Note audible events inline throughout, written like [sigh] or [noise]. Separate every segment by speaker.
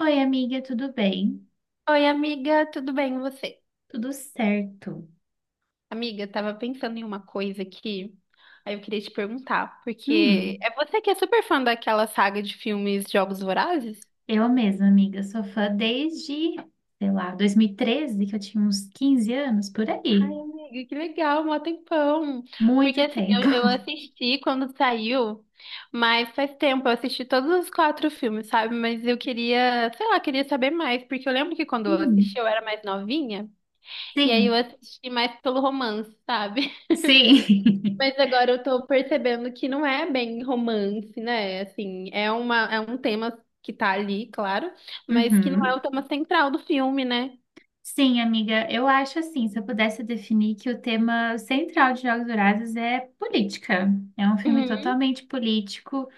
Speaker 1: Oi, amiga, tudo bem?
Speaker 2: Oi, amiga, tudo bem? E você?
Speaker 1: Tudo certo.
Speaker 2: Amiga, eu tava pensando em uma coisa aqui, aí eu queria te perguntar, porque
Speaker 1: Hum,
Speaker 2: é você que é super fã daquela saga de filmes Jogos Vorazes?
Speaker 1: eu mesma, amiga, sou fã desde, sei lá, 2013, que eu tinha uns 15 anos, por
Speaker 2: Ai,
Speaker 1: aí.
Speaker 2: amiga, que legal, mó tempão. Porque
Speaker 1: Muito
Speaker 2: assim, eu,
Speaker 1: tempo.
Speaker 2: eu
Speaker 1: [laughs]
Speaker 2: assisti quando saiu, mas faz tempo, eu assisti todos os quatro filmes, sabe? Mas eu queria, sei lá, queria saber mais, porque eu lembro que quando eu
Speaker 1: Hum,
Speaker 2: assisti eu era mais novinha, e aí eu
Speaker 1: sim,
Speaker 2: assisti mais pelo romance, sabe? [laughs]
Speaker 1: sim.
Speaker 2: Mas agora eu tô percebendo que não é bem romance, né? Assim, é um tema que tá ali, claro,
Speaker 1: [laughs]
Speaker 2: mas que não é
Speaker 1: Uhum.
Speaker 2: o tema central do filme, né?
Speaker 1: Sim, amiga, eu acho assim, se eu pudesse definir que o tema central de Jogos Vorazes é política. É um filme
Speaker 2: Uhum.
Speaker 1: totalmente político,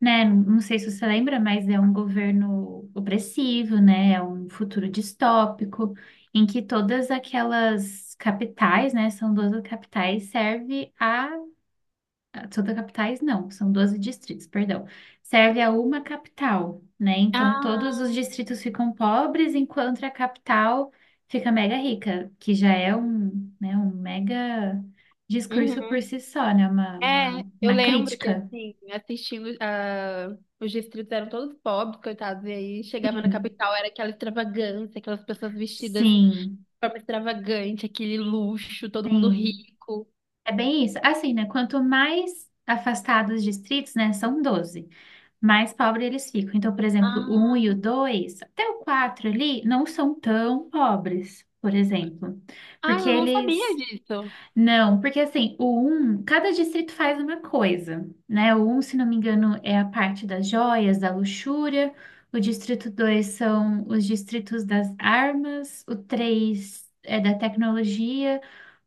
Speaker 1: né? Não sei se você lembra, mas é um governo opressivo, né? É um futuro distópico em que todas aquelas capitais, né? São 12 capitais, serve a... Todas capitais não, são 12 distritos, perdão. Serve a uma capital, né? Então todos os
Speaker 2: Ah,
Speaker 1: distritos ficam pobres enquanto a capital fica mega rica, que já é um, né, um mega discurso por
Speaker 2: uhum.
Speaker 1: si só, né? Uma,
Speaker 2: É,
Speaker 1: uma,
Speaker 2: eu
Speaker 1: uma
Speaker 2: lembro que,
Speaker 1: crítica.
Speaker 2: assim, assistindo, ah, os distritos eram todos pobres, coitados, e aí chegava na
Speaker 1: Sim.
Speaker 2: capital, era aquela extravagância, aquelas pessoas vestidas de
Speaker 1: Sim.
Speaker 2: forma extravagante, aquele luxo, todo mundo
Speaker 1: Sim,
Speaker 2: rico.
Speaker 1: é bem isso. Assim, né? Quanto mais afastados os distritos, né? São 12 mais pobre eles ficam. Então, por exemplo, o 1
Speaker 2: Ah,
Speaker 1: e o 2 até o 4 ali, não são tão pobres, por exemplo.
Speaker 2: ah,
Speaker 1: Porque
Speaker 2: eu não sabia
Speaker 1: eles.
Speaker 2: disso.
Speaker 1: Não, porque assim, o um cada distrito faz uma coisa, né? O um, se não me engano, é a parte das joias, da luxúria. O distrito 2 são os distritos das armas. O 3 é da tecnologia.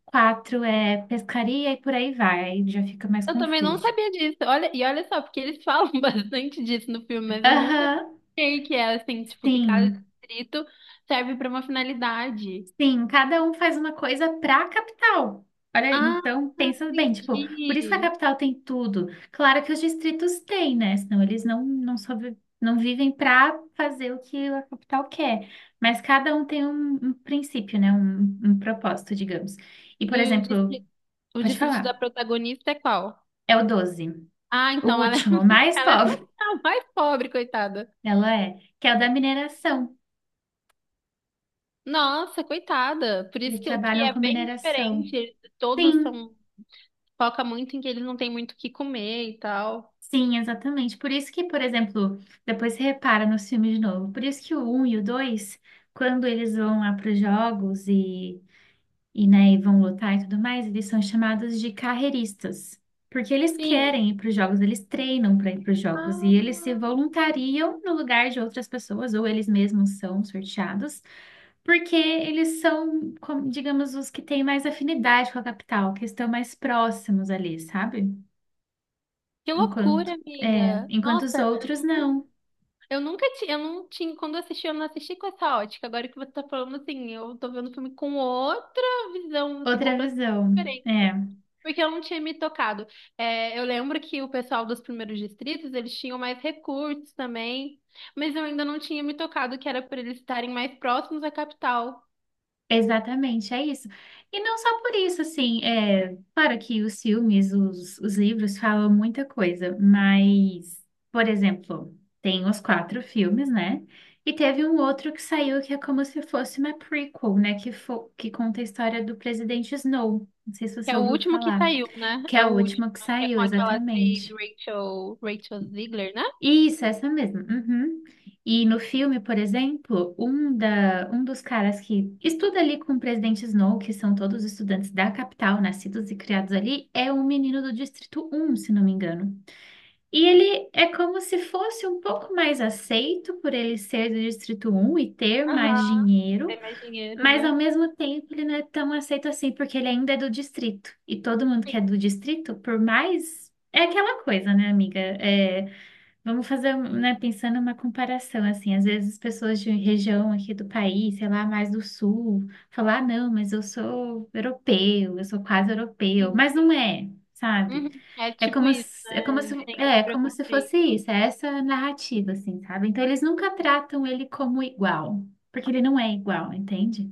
Speaker 1: Quatro é pescaria e por aí vai, aí já fica mais
Speaker 2: Eu também não
Speaker 1: confuso.
Speaker 2: sabia disso. Olha, e olha só, porque eles falam [laughs] bastante disso no filme, mas eu nunca
Speaker 1: Aham,
Speaker 2: sei que é assim, tipo, que cada
Speaker 1: sim,
Speaker 2: distrito serve para uma finalidade.
Speaker 1: sim, cada um faz uma coisa pra capital. Olha,
Speaker 2: Ah,
Speaker 1: então pensa bem, tipo, por isso que a
Speaker 2: entendi.
Speaker 1: capital tem tudo. Claro que os distritos têm, né? Senão eles não, não, sobre, não vivem pra fazer o que a capital quer. Mas cada um tem um, um princípio, né? Um propósito, digamos. E, por
Speaker 2: E o
Speaker 1: exemplo, pode
Speaker 2: distrito da
Speaker 1: falar,
Speaker 2: protagonista é qual?
Speaker 1: é o doze,
Speaker 2: Ah,
Speaker 1: o
Speaker 2: então ela é,
Speaker 1: último, o
Speaker 2: [laughs]
Speaker 1: mais [laughs]
Speaker 2: ela é
Speaker 1: pobre,
Speaker 2: a mais pobre, coitada.
Speaker 1: ela é, que é o da mineração.
Speaker 2: Nossa, coitada. Por isso
Speaker 1: Eles
Speaker 2: que
Speaker 1: trabalham
Speaker 2: é
Speaker 1: com
Speaker 2: bem
Speaker 1: mineração.
Speaker 2: diferente. Eles Todos
Speaker 1: Sim,
Speaker 2: são, foca muito em que eles não têm muito o que comer e tal.
Speaker 1: sim, exatamente. Por isso que, por exemplo, depois você repara nos filmes de novo. Por isso que o um e o 2 quando eles vão lá para os jogos e né, e vão lutar e tudo mais, eles são chamados de carreiristas, porque eles
Speaker 2: Sim.
Speaker 1: querem ir para os jogos, eles treinam para ir para os jogos e eles se
Speaker 2: Ah,
Speaker 1: voluntariam no lugar de outras pessoas, ou eles mesmos são sorteados, porque eles são, como, digamos, os que têm mais afinidade com a capital, que estão mais próximos ali, sabe?
Speaker 2: que loucura,
Speaker 1: Enquanto, é,
Speaker 2: amiga.
Speaker 1: enquanto os
Speaker 2: Nossa, eu,
Speaker 1: outros
Speaker 2: nu-
Speaker 1: não.
Speaker 2: eu nunca tinha, eu não tinha, quando eu assisti, eu não assisti com essa ótica. Agora que você tá falando assim, eu tô vendo o filme com outra visão, assim,
Speaker 1: Outra
Speaker 2: completamente
Speaker 1: visão. É.
Speaker 2: diferente. Porque eu não tinha me tocado. É, eu lembro que o pessoal dos primeiros distritos, eles tinham mais recursos também, mas eu ainda não tinha me tocado que era por eles estarem mais próximos à capital,
Speaker 1: Exatamente, é isso. E não só por isso, assim, é, claro que os filmes, os livros falam muita coisa, mas, por exemplo, tem os quatro filmes, né? E teve um outro que saiu que é como se fosse uma prequel, né? Que, fo que conta a história do presidente Snow. Não sei se
Speaker 2: que
Speaker 1: você
Speaker 2: é o
Speaker 1: ouviu
Speaker 2: último que
Speaker 1: falar,
Speaker 2: saiu, né?
Speaker 1: que
Speaker 2: É
Speaker 1: é
Speaker 2: o
Speaker 1: o
Speaker 2: último,
Speaker 1: último que
Speaker 2: né? Que é
Speaker 1: saiu,
Speaker 2: com aquela atriz
Speaker 1: exatamente.
Speaker 2: Rachel Ziegler, né?
Speaker 1: Isso, essa mesmo. Uhum. E no filme, por exemplo, um, da, um dos caras que estuda ali com o presidente Snow, que são todos estudantes da capital, nascidos e criados ali, é um menino do Distrito Um, se não me engano. E ele é como se fosse um pouco mais aceito por ele ser do Distrito Um e ter mais
Speaker 2: Aham.
Speaker 1: dinheiro,
Speaker 2: Tem mais dinheiro,
Speaker 1: mas
Speaker 2: né?
Speaker 1: ao mesmo tempo ele não é tão aceito assim, porque ele ainda é do distrito. E todo mundo que é do distrito, por mais. É aquela coisa, né, amiga? É, vamos fazer, né, pensando uma comparação, assim, às vezes as pessoas de região aqui do país, sei lá, mais do sul, falam, ah, não, mas eu sou europeu, eu sou quase europeu,
Speaker 2: Sim,
Speaker 1: mas não
Speaker 2: sim.
Speaker 1: é, sabe?
Speaker 2: Uhum. É
Speaker 1: É
Speaker 2: tipo
Speaker 1: como
Speaker 2: isso,
Speaker 1: se, é como
Speaker 2: né?
Speaker 1: se,
Speaker 2: Tem esse
Speaker 1: é é como se fosse
Speaker 2: preconceito.
Speaker 1: isso, é essa narrativa, assim, sabe? Então eles nunca tratam ele como igual, porque ele não é igual, entende?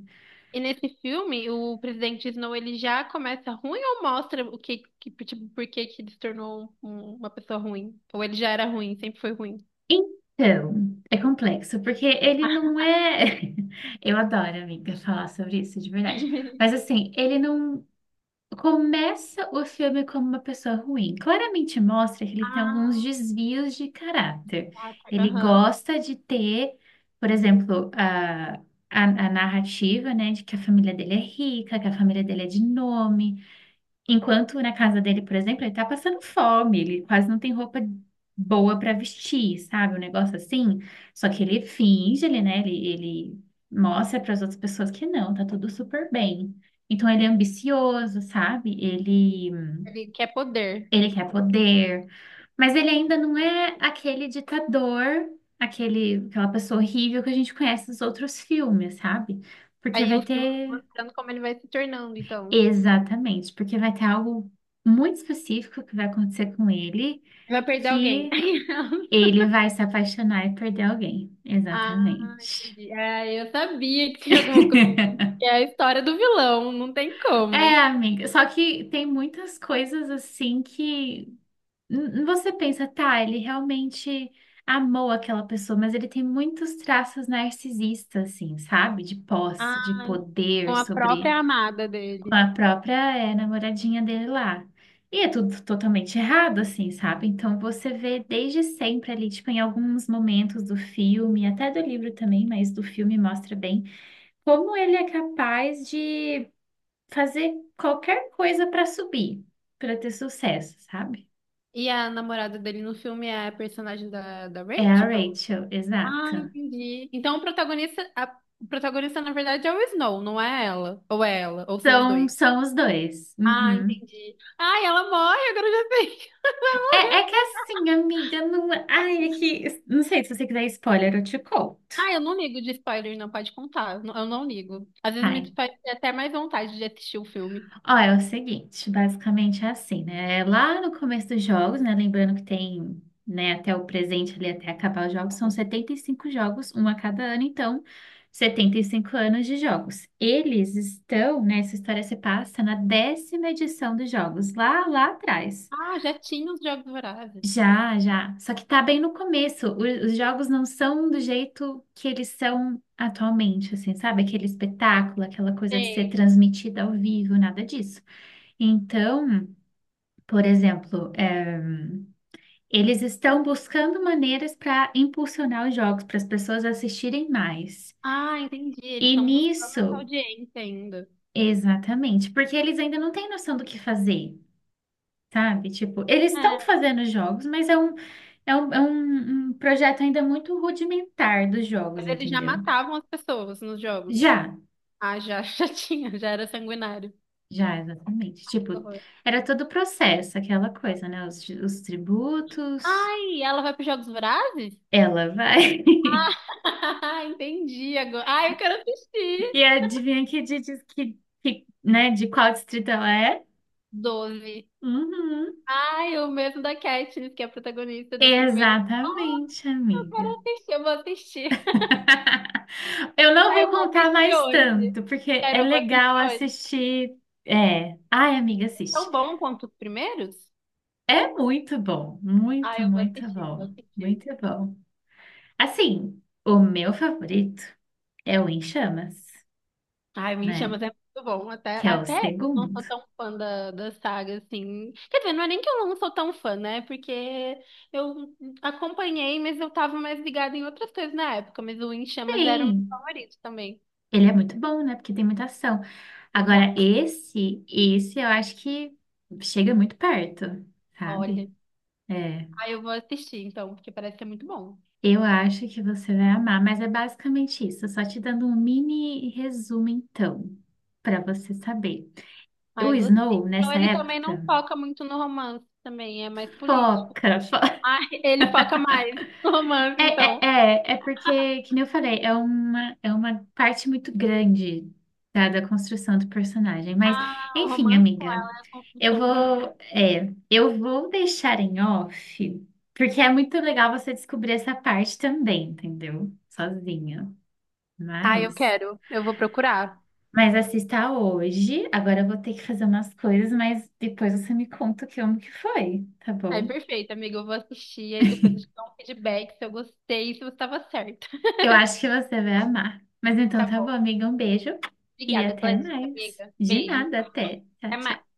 Speaker 2: E nesse filme, o presidente Snow, ele já começa ruim ou mostra o que, que tipo, por que que ele se tornou um- uma pessoa ruim? Ou ele já era ruim, sempre foi ruim?
Speaker 1: Então, é complexo, porque ele não é. [laughs] Eu adoro, amiga, falar sobre isso de verdade. Mas
Speaker 2: [laughs]
Speaker 1: assim, ele não. Começa o filme como uma pessoa ruim. Claramente mostra que ele tem alguns
Speaker 2: Ah,
Speaker 1: desvios de caráter.
Speaker 2: tá, tá.
Speaker 1: Ele
Speaker 2: Aham.
Speaker 1: gosta de ter, por exemplo, a narrativa, né, de que a família dele é rica, que a família dele é de nome, enquanto na casa dele, por exemplo, ele tá passando fome, ele quase não tem roupa boa pra vestir, sabe? Um negócio assim. Só que ele finge, ele, né? Ele mostra para as outras pessoas que não, tá tudo super bem. Então ele é ambicioso, sabe? Ele,
Speaker 2: Ele quer poder.
Speaker 1: ele quer poder, mas ele ainda não é aquele ditador, aquele, aquela pessoa horrível que a gente conhece nos outros filmes, sabe? Porque
Speaker 2: Aí
Speaker 1: vai
Speaker 2: o filme vai
Speaker 1: ter.
Speaker 2: mostrando como ele vai se tornando, então.
Speaker 1: Exatamente, porque vai ter algo muito específico que vai acontecer com ele,
Speaker 2: Ele vai perder alguém.
Speaker 1: que
Speaker 2: [laughs]
Speaker 1: ele vai se apaixonar e perder alguém.
Speaker 2: Ah,
Speaker 1: Exatamente.
Speaker 2: entendi. Ah, eu sabia que tinha alguma coisa. Que é
Speaker 1: [laughs]
Speaker 2: a história do vilão, não tem
Speaker 1: É,
Speaker 2: como.
Speaker 1: amiga, só que tem muitas coisas assim que você pensa, tá, ele realmente amou aquela pessoa, mas ele tem muitos traços narcisistas, assim, sabe? De posse, de
Speaker 2: Com
Speaker 1: poder
Speaker 2: a
Speaker 1: sobre
Speaker 2: própria amada
Speaker 1: com
Speaker 2: dele.
Speaker 1: a própria namoradinha dele lá. E é tudo totalmente errado, assim, sabe? Então você vê desde sempre ali, tipo, em alguns momentos do filme, até do livro também, mas do filme mostra bem como ele é capaz de fazer qualquer coisa para subir, para ter sucesso, sabe?
Speaker 2: E a namorada dele no filme é a personagem da
Speaker 1: É a
Speaker 2: Rachel?
Speaker 1: Rachel,
Speaker 2: Ah,
Speaker 1: exato.
Speaker 2: entendi. Então o protagonista na verdade é o Snow, não é ela? Ou é ela? Ou são os
Speaker 1: Então,
Speaker 2: dois?
Speaker 1: são os dois.
Speaker 2: Ah,
Speaker 1: Uhum.
Speaker 2: entendi. Ai, ela morre, agora eu já sei. [laughs]
Speaker 1: É, é que assim, amiga, não. é, Ai, é que. Não sei se você quiser spoiler, eu te conto.
Speaker 2: Ah, eu não ligo de spoiler, não pode contar. Eu não ligo. Às
Speaker 1: Tá,
Speaker 2: vezes me faz ter até mais vontade de assistir o filme.
Speaker 1: ó, é o seguinte, basicamente é assim, né? É lá no começo dos jogos, né? Lembrando que tem, né, até o presente ali, até acabar os jogos, são 75 jogos, um a cada ano, então 75 anos de jogos. Eles estão, né? Essa história se passa na décima edição dos jogos, lá, lá atrás.
Speaker 2: Ah, já tinha os Jogos Vorazes.
Speaker 1: Já, já. Só que tá bem no começo. O- Os jogos não são do jeito que eles são atualmente, assim, sabe? Aquele espetáculo, aquela coisa de ser
Speaker 2: Sei.
Speaker 1: transmitida ao vivo, nada disso. Então. Por exemplo, eles estão buscando maneiras para impulsionar os jogos, para as pessoas assistirem mais.
Speaker 2: Ah, entendi. Eles
Speaker 1: E
Speaker 2: estão buscando essa
Speaker 1: nisso,
Speaker 2: audiência ainda.
Speaker 1: exatamente, porque eles ainda não têm noção do que fazer, sabe? Tipo, eles estão
Speaker 2: É.
Speaker 1: fazendo jogos, mas é um projeto ainda muito rudimentar dos jogos,
Speaker 2: Mas eles já
Speaker 1: entendeu?
Speaker 2: matavam as pessoas nos jogos.
Speaker 1: Já,
Speaker 2: Ah, já, [laughs] já tinha, já era sanguinário.
Speaker 1: já, exatamente.
Speaker 2: Ai,
Speaker 1: Tipo,
Speaker 2: que horror.
Speaker 1: era todo o processo, aquela coisa, né? Os tributos,
Speaker 2: Ai, ela vai para os Jogos Vorazes?
Speaker 1: ela vai. [laughs]
Speaker 2: [laughs] Entendi agora. Ai, eu quero assistir.
Speaker 1: E adivinha que diz que, né, de qual distrito ela é?
Speaker 2: Doze.
Speaker 1: Uhum.
Speaker 2: Ai, o mesmo da Katniss, que é a protagonista do primeiro. Ai,
Speaker 1: Exatamente,
Speaker 2: eu quero
Speaker 1: amiga.
Speaker 2: assistir, eu vou assistir.
Speaker 1: [laughs] Eu não
Speaker 2: Ai, eu
Speaker 1: vou
Speaker 2: vou
Speaker 1: contar
Speaker 2: assistir
Speaker 1: mais
Speaker 2: hoje.
Speaker 1: tanto, porque é
Speaker 2: Sério, eu vou
Speaker 1: legal
Speaker 2: assistir hoje.
Speaker 1: assistir. É. Ai, amiga, assiste.
Speaker 2: Tão bom quanto os primeiros?
Speaker 1: É
Speaker 2: Ai, eu vou
Speaker 1: muito
Speaker 2: assistir, vou
Speaker 1: bom,
Speaker 2: assistir.
Speaker 1: muito bom. Assim, o meu favorito é o Em Chamas,
Speaker 2: Ai, Me
Speaker 1: né?
Speaker 2: Chamas é muito bom. Até,
Speaker 1: Que é o
Speaker 2: até eu não sou
Speaker 1: segundo.
Speaker 2: tão fã da saga, assim. Quer dizer, não é nem que eu não sou tão fã, né? Porque eu acompanhei, mas eu tava mais ligada em outras coisas na época. Mas o Em Chamas era o meu
Speaker 1: Sim,
Speaker 2: favorito também.
Speaker 1: ele é muito bom, né? Porque tem muita ação.
Speaker 2: Exato.
Speaker 1: Agora, esse eu acho que chega muito perto,
Speaker 2: Olha.
Speaker 1: sabe? É.
Speaker 2: Ai, eu vou assistir, então, porque parece ser muito bom.
Speaker 1: Eu acho que você vai amar, mas é basicamente isso. Só te dando um mini resumo, então, para você saber. O
Speaker 2: Ai, gostei.
Speaker 1: Snow,
Speaker 2: Então,
Speaker 1: nessa
Speaker 2: ele também não
Speaker 1: época,
Speaker 2: foca muito no romance também, é mais político.
Speaker 1: foca,
Speaker 2: [laughs]
Speaker 1: foca.
Speaker 2: Ai, ele foca mais no romance,
Speaker 1: É, é,
Speaker 2: então.
Speaker 1: é porque, que nem eu falei, é uma parte muito grande, tá, da construção do personagem. Mas,
Speaker 2: Ah, o
Speaker 1: enfim,
Speaker 2: romance com
Speaker 1: amiga,
Speaker 2: ela é a
Speaker 1: eu
Speaker 2: construção dos...
Speaker 1: vou, é, eu vou deixar em off, porque é muito legal você descobrir essa parte também, entendeu? Sozinha.
Speaker 2: Ah, eu
Speaker 1: Mas,
Speaker 2: quero. Eu vou procurar.
Speaker 1: mas assista hoje. Agora eu vou ter que fazer umas coisas, mas depois você me conta o que como que foi, tá
Speaker 2: Ai,
Speaker 1: bom?
Speaker 2: perfeito, amiga. Eu vou assistir e depois eu te dou um feedback se eu gostei e se você estava certa. [laughs]
Speaker 1: Eu acho que você vai amar. Mas então
Speaker 2: Tá
Speaker 1: tá bom,
Speaker 2: bom.
Speaker 1: amiga. Um beijo e
Speaker 2: Obrigada
Speaker 1: até
Speaker 2: pela dica,
Speaker 1: mais.
Speaker 2: amiga.
Speaker 1: De
Speaker 2: Beijo.
Speaker 1: nada, até. Tchau,
Speaker 2: Até mais.
Speaker 1: tchau.